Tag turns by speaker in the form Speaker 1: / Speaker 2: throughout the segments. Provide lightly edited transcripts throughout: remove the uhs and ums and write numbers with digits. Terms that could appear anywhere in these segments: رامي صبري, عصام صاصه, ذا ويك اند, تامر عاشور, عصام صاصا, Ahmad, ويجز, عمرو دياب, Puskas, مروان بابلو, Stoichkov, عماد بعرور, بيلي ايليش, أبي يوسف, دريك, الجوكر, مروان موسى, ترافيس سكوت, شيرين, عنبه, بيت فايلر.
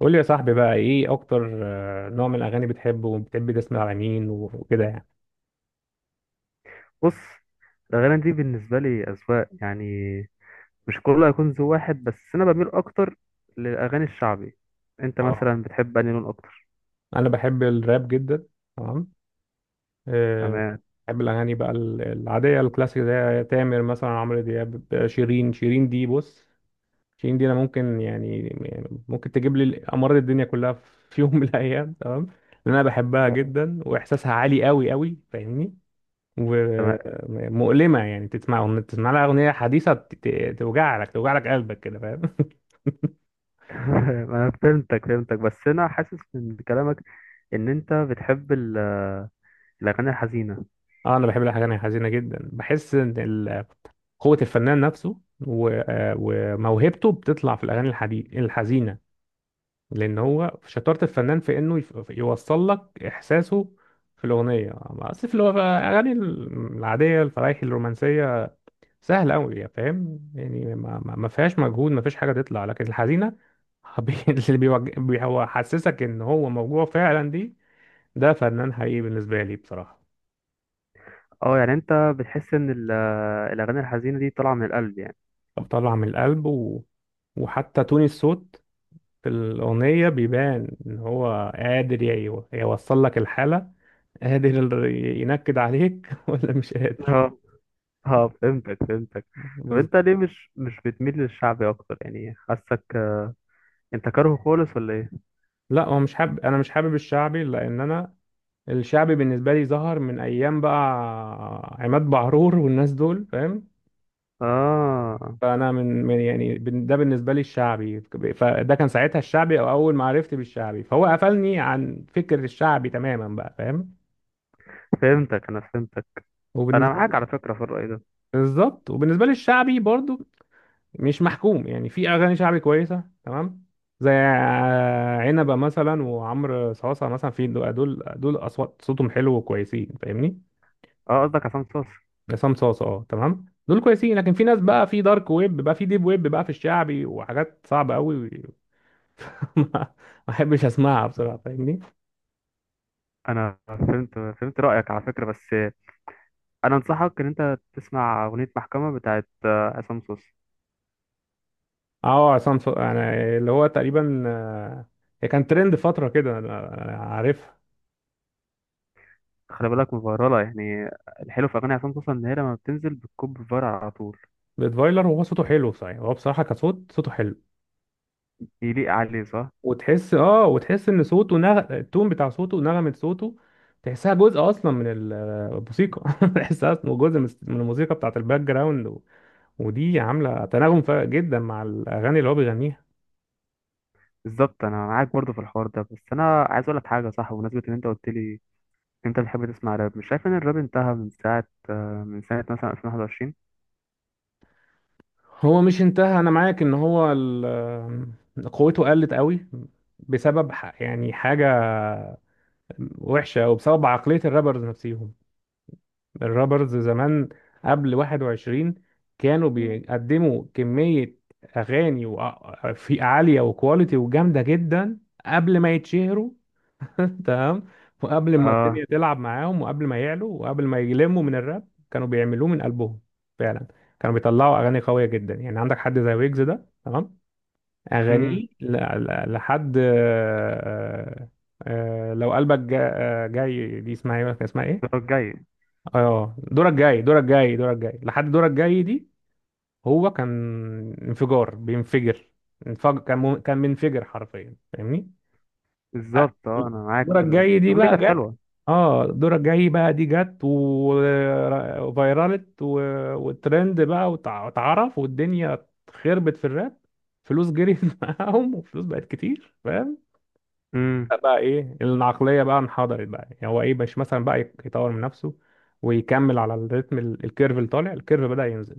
Speaker 1: قول لي يا صاحبي بقى ايه اكتر، نوع من الاغاني بتحبه وبتحب تسمع على مين و- وكده يعني.
Speaker 2: بص. الأغاني دي بالنسبة لي أذواق، يعني مش كله هيكون ذو واحد، بس أنا بميل أكتر للأغاني الشعبي. أنت
Speaker 1: اه،
Speaker 2: مثلا بتحب أنهي لون أكتر؟
Speaker 1: انا بحب الراب جدا. تمام. آه،
Speaker 2: تمام.
Speaker 1: بحب الاغاني بقى العاديه الكلاسيك، زي تامر مثلا، عمرو دياب، شيرين. شيرين دي بص، شيرين دي انا ممكن، يعني ممكن تجيب لي امراض الدنيا كلها في يوم من الايام، تمام. لان انا بحبها جدا واحساسها عالي قوي قوي، فاهمني؟
Speaker 2: تمام.
Speaker 1: ومؤلمه. يعني تسمع لها اغنيه حديثه توجع لك، توجع لك قلبك كده، فاهم؟
Speaker 2: أنا فهمتك فهمتك، بس أنا حاسس من كلامك إن أنت بتحب الأغاني الحزينة.
Speaker 1: اه، انا بحب الاغاني الحزينه جدا. بحس ان قوه الفنان نفسه وموهبته بتطلع في الاغاني الحزينه، لان هو شطاره الفنان في انه يوصل لك احساسه في الاغنيه. اصل في الاغاني العاديه الفرايحي الرومانسيه سهل قوي، يعني فاهم؟ يعني ما فيهاش مجهود، ما فيش حاجه تطلع، لكن الحزينه بي- اللي بيوج- بي- هو حسسك ان هو موجوع فعلا، دي ده فنان حقيقي بالنسبه لي بصراحه.
Speaker 2: أه، يعني أنت بتحس إن الأغاني الحزينة دي طالعة من القلب يعني؟
Speaker 1: بطلع من القلب وحتى تون الصوت في الأغنية بيبان إن هو قادر يوصل لك الحالة، قادر ينكد عليك ولا مش قادر.
Speaker 2: أه، أه، فهمتك فهمتك. طب
Speaker 1: بز...
Speaker 2: أنت ليه مش بتميل للشعبي أكتر يعني؟ حاسك أنت كاره خالص ولا إيه؟
Speaker 1: لا، هو مش حابب، أنا مش حابب الشعبي، لأن أنا الشعبي بالنسبة لي ظهر من أيام بقى عماد بعرور والناس دول، فاهم؟
Speaker 2: آه،
Speaker 1: فأنا من, من يعني ده بالنسبة لي الشعبي. فده كان ساعتها الشعبي، أو أول ما عرفت بالشعبي فهو قفلني عن فكر الشعبي تماما بقى، فاهم؟
Speaker 2: فهمتك انا فهمتك، انا معاك على فكره في الراي ده.
Speaker 1: بالظبط. وبالنسبه للشعبي برضو مش محكوم، يعني في اغاني شعبي كويسه، تمام، زي عنبه مثلا وعمرو صاصه مثلا. في دول اصوات صوتهم حلو وكويسين، فاهمني؟
Speaker 2: اه، قصدك عصام صاصا.
Speaker 1: عصام صاصه، اه تمام، دول كويسين. لكن في ناس بقى في دارك ويب بقى، في ديب ويب بقى في الشعبي، وحاجات صعبه قوي ما احبش اسمعها بصراحه، فاهمني؟
Speaker 2: انا فهمت، فهمت رايك على فكره، بس انا انصحك ان انت تسمع اغنيه محكمه بتاعت عصام صاصا.
Speaker 1: اه عصام صاصه، يعني اللي هو تقريبا، هي كان ترند فتره كده، أنا عارفها.
Speaker 2: خلي بالك مفيراله يعني، الحلو في اغاني عصام صاصا ان هي لما بتنزل بتكب فيرال على طول.
Speaker 1: بيت فايلر، وهو صوته حلو صحيح. هو بصراحه كصوت، صوته حلو.
Speaker 2: يليق عليه، صح.
Speaker 1: وتحس، اه وتحس ان صوته التون بتاع صوته ونغمة صوته تحسها جزء اصلا من الموسيقى. تحسها أصلاً جزء من الموسيقى بتاعت الباك جراوند، ودي عاملة تناغم فارق جدا مع الاغاني اللي هو بيغنيها.
Speaker 2: بالظبط، انا معاك برضو في الحوار ده، بس انا عايز اقول لك حاجه، صح، بمناسبه ان انت قلت لي إن انت بتحب تسمع راب. مش شايف ان الراب انتهى من ساعه، من سنه مثلا 2021؟
Speaker 1: هو مش انتهى، انا معاك ان هو قوته قلت قوي بسبب يعني حاجة وحشة، وبسبب عقلية الرابرز نفسهم. الرابرز زمان قبل 21 كانوا بيقدموا كمية أغاني في عالية وكواليتي وجامدة جدا قبل ما يتشهروا. تمام. وقبل ما
Speaker 2: اه.
Speaker 1: الدنيا تلعب معاهم وقبل ما يعلوا وقبل ما يلموا من الراب، كانوا بيعملوه من قلبهم فعلا. كانوا بيطلعوا أغاني قوية جدا، يعني عندك حد زي ويجز ده، تمام.
Speaker 2: امم
Speaker 1: أغانيه لحد، لو قلبك جاي، دي اسمها ايه، كان اسمها ايه؟
Speaker 2: الجاي.
Speaker 1: اه، دورك جاي، دورك جاي، دورك جاي، لحد دورك جاي دي. هو كان انفجار، بينفجر، انفجر. كان منفجر حرفيا، فاهمني؟ أ-
Speaker 2: بالظبط. اه، انا معاك
Speaker 1: دورك جاي
Speaker 2: بس
Speaker 1: دي
Speaker 2: الأغنية دي
Speaker 1: بقى
Speaker 2: كانت
Speaker 1: جت.
Speaker 2: حلوه.
Speaker 1: اه، دورك جاي بقى دي جت و- وفيرالت، والترند بقى، واتعرف والدنيا خربت في الراب. فلوس جريت معاهم وفلوس بقت كتير، فاهم؟
Speaker 2: امم
Speaker 1: بقى ايه، العقليه بقى انحدرت بقى، يعني هو ايه، مش مثلا بقى يطور من نفسه ويكمل على الريتم، الكيرف اللي طالع؟ الكيرف بدا ينزل،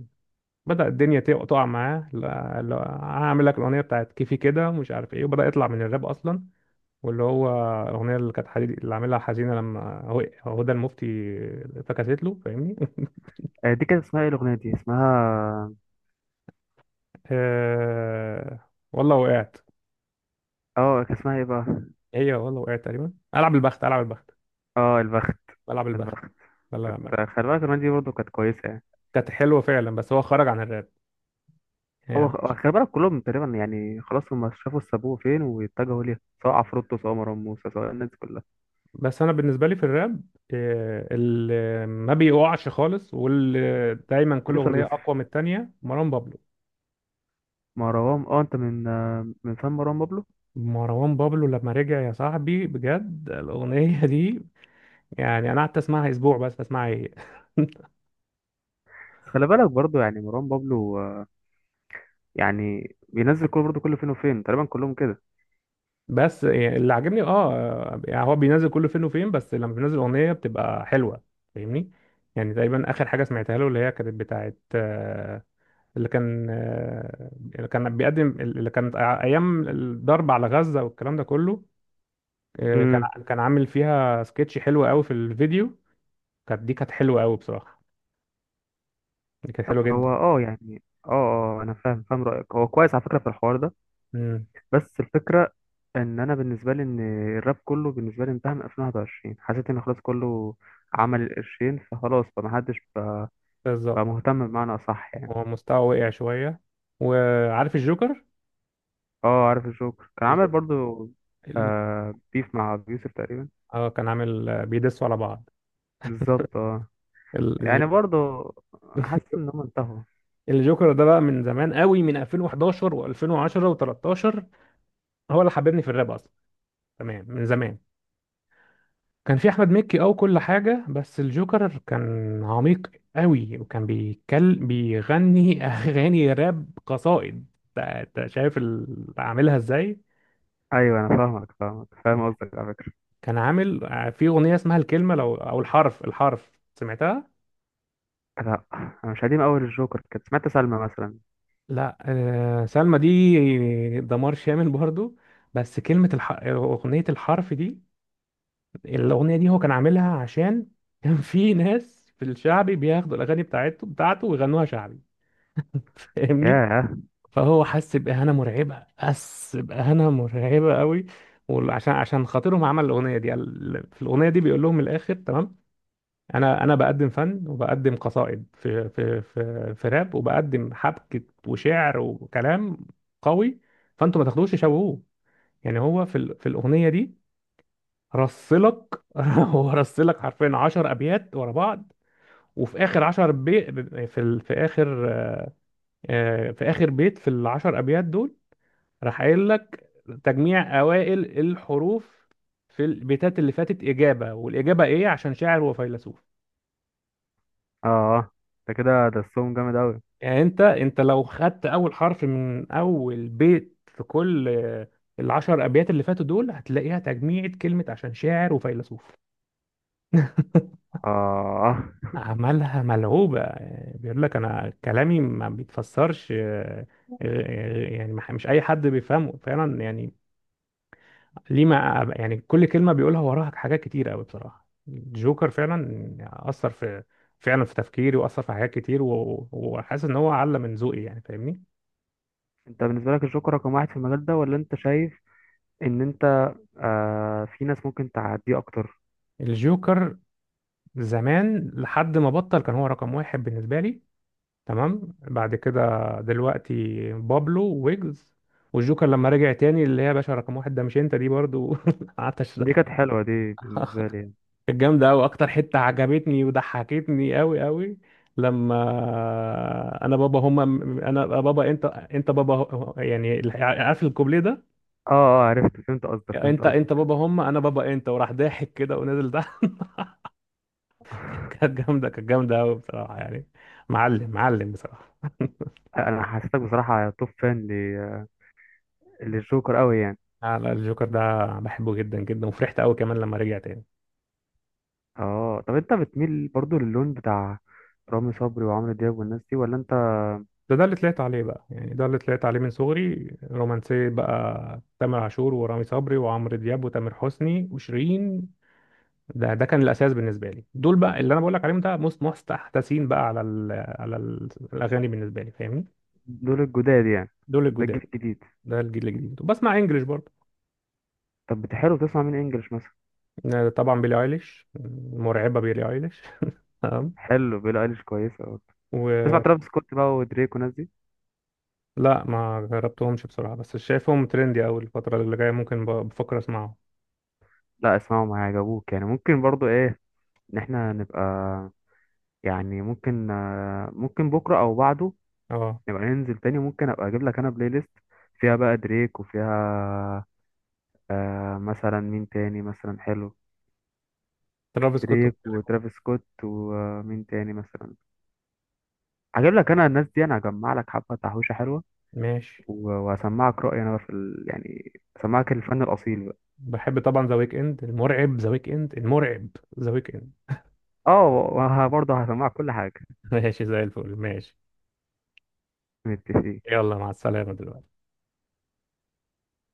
Speaker 1: بدا الدنيا تقع معاه. لا لا، هعمل لك الاغنيه بتاعت كيفي كده ومش عارف ايه، وبدا يطلع من الراب اصلا. واللي هو الاغنيه اللي كانت حديد، اللي عاملها حزينه لما هدى المفتي فكست له، فاهمني؟
Speaker 2: دي كانت اسمها ايه، الاغنيه دي اسمها؟
Speaker 1: والله وقعت،
Speaker 2: اه، كان اسمها ايه بقى؟
Speaker 1: هي والله وقعت تقريبا: العب البخت، العب البخت،
Speaker 2: اه، البخت.
Speaker 1: العب البخت.
Speaker 2: البخت
Speaker 1: لا
Speaker 2: كانت.
Speaker 1: لا،
Speaker 2: خلي بالك الاغنيه دي برضه كانت كويسه يعني.
Speaker 1: كانت حلوه فعلا بس هو خرج عن الراب
Speaker 2: هو،
Speaker 1: يعني.
Speaker 2: هو خلي بالك كلهم تقريبا يعني، خلاص هم شافوا السابوه فين واتجهوا ليها، سواء عفروتو، سواء مروان موسى، سواء الناس دي كلها.
Speaker 1: بس انا بالنسبه لي في الراب، اللي ما بيقعش خالص واللي دايما كل
Speaker 2: كل شباب
Speaker 1: اغنيه
Speaker 2: يوسف
Speaker 1: اقوى من التانية، مروان بابلو.
Speaker 2: مروان، اه، انت من فن مروان بابلو.
Speaker 1: مروان بابلو لما رجع يا صاحبي بجد، الاغنيه دي يعني انا قعدت اسمعها اسبوع، بس اسمعها هي.
Speaker 2: بس خلي بالك برضه، يعني مروان بابلو يعني بينزل كل برضه كل فين وفين تقريبا كلهم
Speaker 1: بس يعني اللي عاجبني، اه يعني هو بينزل كل فين وفين، بس لما بينزل اغنيه بتبقى حلوه، فاهمني؟ يعني تقريبا اخر حاجه سمعتها له، اللي هي كانت بتاعت اللي كان بيقدم، اللي كانت ايام الضرب على غزه والكلام ده كله، إيه، كان
Speaker 2: كده.
Speaker 1: كان عامل فيها سكتش حلو قوي في الفيديو. كانت، دي كانت حلوه قوي بصراحه، دي كانت حلوه جدا.
Speaker 2: هو يعني، انا فاهم فاهم رايك، هو كويس على فكره في الحوار ده.
Speaker 1: امم.
Speaker 2: بس الفكره ان انا بالنسبه لي، ان الراب كله بالنسبه لي انتهى من 2021. حسيت ان خلاص كله عمل القرشين فخلاص، فمحدش بقى
Speaker 1: بالظبط.
Speaker 2: مهتم بمعنى اصح يعني.
Speaker 1: هو مستواه وقع شويه، وعارف الجوكر،
Speaker 2: اه، عارف الجوكر كان عامل
Speaker 1: الج-
Speaker 2: برضو
Speaker 1: ال-
Speaker 2: آه، بيف مع أبي يوسف تقريبا.
Speaker 1: اه كان عامل، بيدسوا على بعض.
Speaker 2: بالظبط. اه،
Speaker 1: ال-
Speaker 2: يعني
Speaker 1: الج-
Speaker 2: برضو حاسس ان هم انتهوا.
Speaker 1: الجوكر ده بقى من زمان قوي، من 2011 و2010 و13. هو اللي حببني في الراب اصلا. تمام، من زمان. كان في احمد مكي او كل حاجه، بس الجوكر كان عميق قوي، وكان بيتكلم بيغني اغاني راب قصائد. انت شايف عاملها ازاي؟
Speaker 2: ايوه، انا فاهمك فاهم قصدك على فكره.
Speaker 1: كان عامل، في اغنيه اسمها الكلمه، لو او الحرف، الحرف سمعتها؟
Speaker 2: لا، انا مش قديم، اول الجوكر كنت سمعت سلمى مثلا.
Speaker 1: لا. سلمى دي دمار شامل برضو. بس اغنيه الحرف دي، الاغنيه دي هو كان عاملها عشان كان في ناس في الشعبي بياخدوا الاغاني بتاعته ويغنوها شعبي، فاهمني؟
Speaker 2: ياه.
Speaker 1: فهو حس بإهانة مرعبة، حس بإهانة مرعبة قوي. وعشان خاطرهم عمل الأغنية دي، في الأغنية دي بيقول لهم من الآخر، تمام. أنا بقدم فن وبقدم قصائد في في راب، وبقدم حبكة وشعر وكلام قوي، فأنتوا ما تاخدوش تشوهوه يعني. هو في في الأغنية دي رصلك، هو رصلك حرفيا 10 أبيات ورا بعض. وفي آخر 10 في في آخر، في آخر بيت في ال 10 أبيات دول، راح قايل لك تجميع اوائل الحروف في البيتات اللي فاتت اجابه، والاجابه ايه؟ عشان شاعر وفيلسوف.
Speaker 2: اه، انت كده درسهم جامد اوي.
Speaker 1: يعني انت، لو خدت اول حرف من اول بيت في كل العشر ابيات اللي فاتوا دول، هتلاقيها تجميعة كلمه: عشان شاعر وفيلسوف.
Speaker 2: اه.
Speaker 1: عملها ملعوبة. يعني بيقول لك أنا كلامي ما بيتفسرش، يعني مش أي حد بيفهمه فعلا. يعني ليه، ما يعني كل كلمة بيقولها وراها حاجات كتير قوي، بصراحة جوكر فعلا أثر في، فعلا في تفكيري، وأثر في حاجات كتير، وحاسس إن هو علم من ذوقي، يعني فاهمني؟
Speaker 2: انت بالنسبه لك الجوكر رقم واحد في المجال ده، ولا انت شايف ان انت في ناس ممكن تعديه اكتر؟
Speaker 1: الجوكر زمان لحد ما بطل كان هو رقم واحد بالنسبة لي. تمام. بعد كده دلوقتي بابلو، ويجز، والجوكر لما رجع تاني، اللي هي يا باشا رقم واحد ده مش انت، دي برضو قعدت
Speaker 2: دي كانت حلوه دي بالنسبه لي يعني.
Speaker 1: كانت جامدة أوي. أكتر حتة عجبتني وضحكتني أوي أوي لما أنا بابا هما، أنا بابا أنت، أنت بابا يعني عارف الكوبليه ده؟
Speaker 2: اه، اه، عرفت، فهمت قصدك فهمت
Speaker 1: أنت أنت
Speaker 2: قصدك.
Speaker 1: بابا هما أنا بابا أنت، وراح ضاحك كده ونزل تحت. كانت جامدة، كانت جامدة أوي بصراحة يعني، معلم معلم بصراحة.
Speaker 2: انا حسيتك بصراحه توب فان للجوكر قوي يعني.
Speaker 1: على الجوكر ده بحبه جدا جدا، وفرحت أوي كمان لما رجع تاني.
Speaker 2: اه، طب انت بتميل برضو للون بتاع رامي صبري وعمرو دياب والناس دي ولا انت؟
Speaker 1: ده اللي طلعت عليه بقى، يعني ده اللي طلعت عليه من صغري رومانسية بقى: تامر عاشور ورامي صبري وعمرو دياب وتامر حسني وشيرين. ده كان الاساس بالنسبه لي. دول بقى اللي انا بقول لك عليهم، ده مستحدثين بقى على ال على ال الاغاني بالنسبه لي، فاهمني؟
Speaker 2: دول الجداد يعني.
Speaker 1: دول
Speaker 2: ده الجيل
Speaker 1: الجداد،
Speaker 2: الجديد.
Speaker 1: ده الجيل الجديد. وبسمع انجلش برضه.
Speaker 2: طب بتحب تسمع مين انجلش مثلا؟
Speaker 1: طبعا بيلي ايليش، مرعبه بيلي ايليش. تمام.
Speaker 2: حلو، بيلي ايليش كويسه برضه. تسمع
Speaker 1: ولا.
Speaker 2: ترافيس سكوت بقى ودريك والناس دي؟
Speaker 1: ما جربتهمش بصراحه بس شايفهم ترندي قوي، الفتره اللي جايه ممكن بفكر اسمعهم.
Speaker 2: لا، اسمعهم هيعجبوك يعني. ممكن برضو ايه، ان احنا نبقى، يعني ممكن ممكن بكره او بعده
Speaker 1: اه.
Speaker 2: نبقى ننزل تاني. ممكن ابقى اجيب لك انا بلاي ليست فيها بقى دريك، وفيها مثلا مين تاني مثلا حلو؟
Speaker 1: ترافيس سكوت.
Speaker 2: دريك وترافيس سكوت، ومين تاني مثلا؟ هجيب لك انا الناس دي، انا هجمع لك حبه تحويشه حلوه.
Speaker 1: ماشي.
Speaker 2: وهسمعك رايي انا بقى يعني هسمعك الفن الاصيل بقى.
Speaker 1: بحب طبعا ذا ويك اند، المرعب ذا ويك اند، المرعب ذا ويك اند.
Speaker 2: اه، وبرضه هسمعك كل حاجه.
Speaker 1: ماشي زي الفل، ماشي.
Speaker 2: متفقين.
Speaker 1: يلا مع السلامه دلوقتي.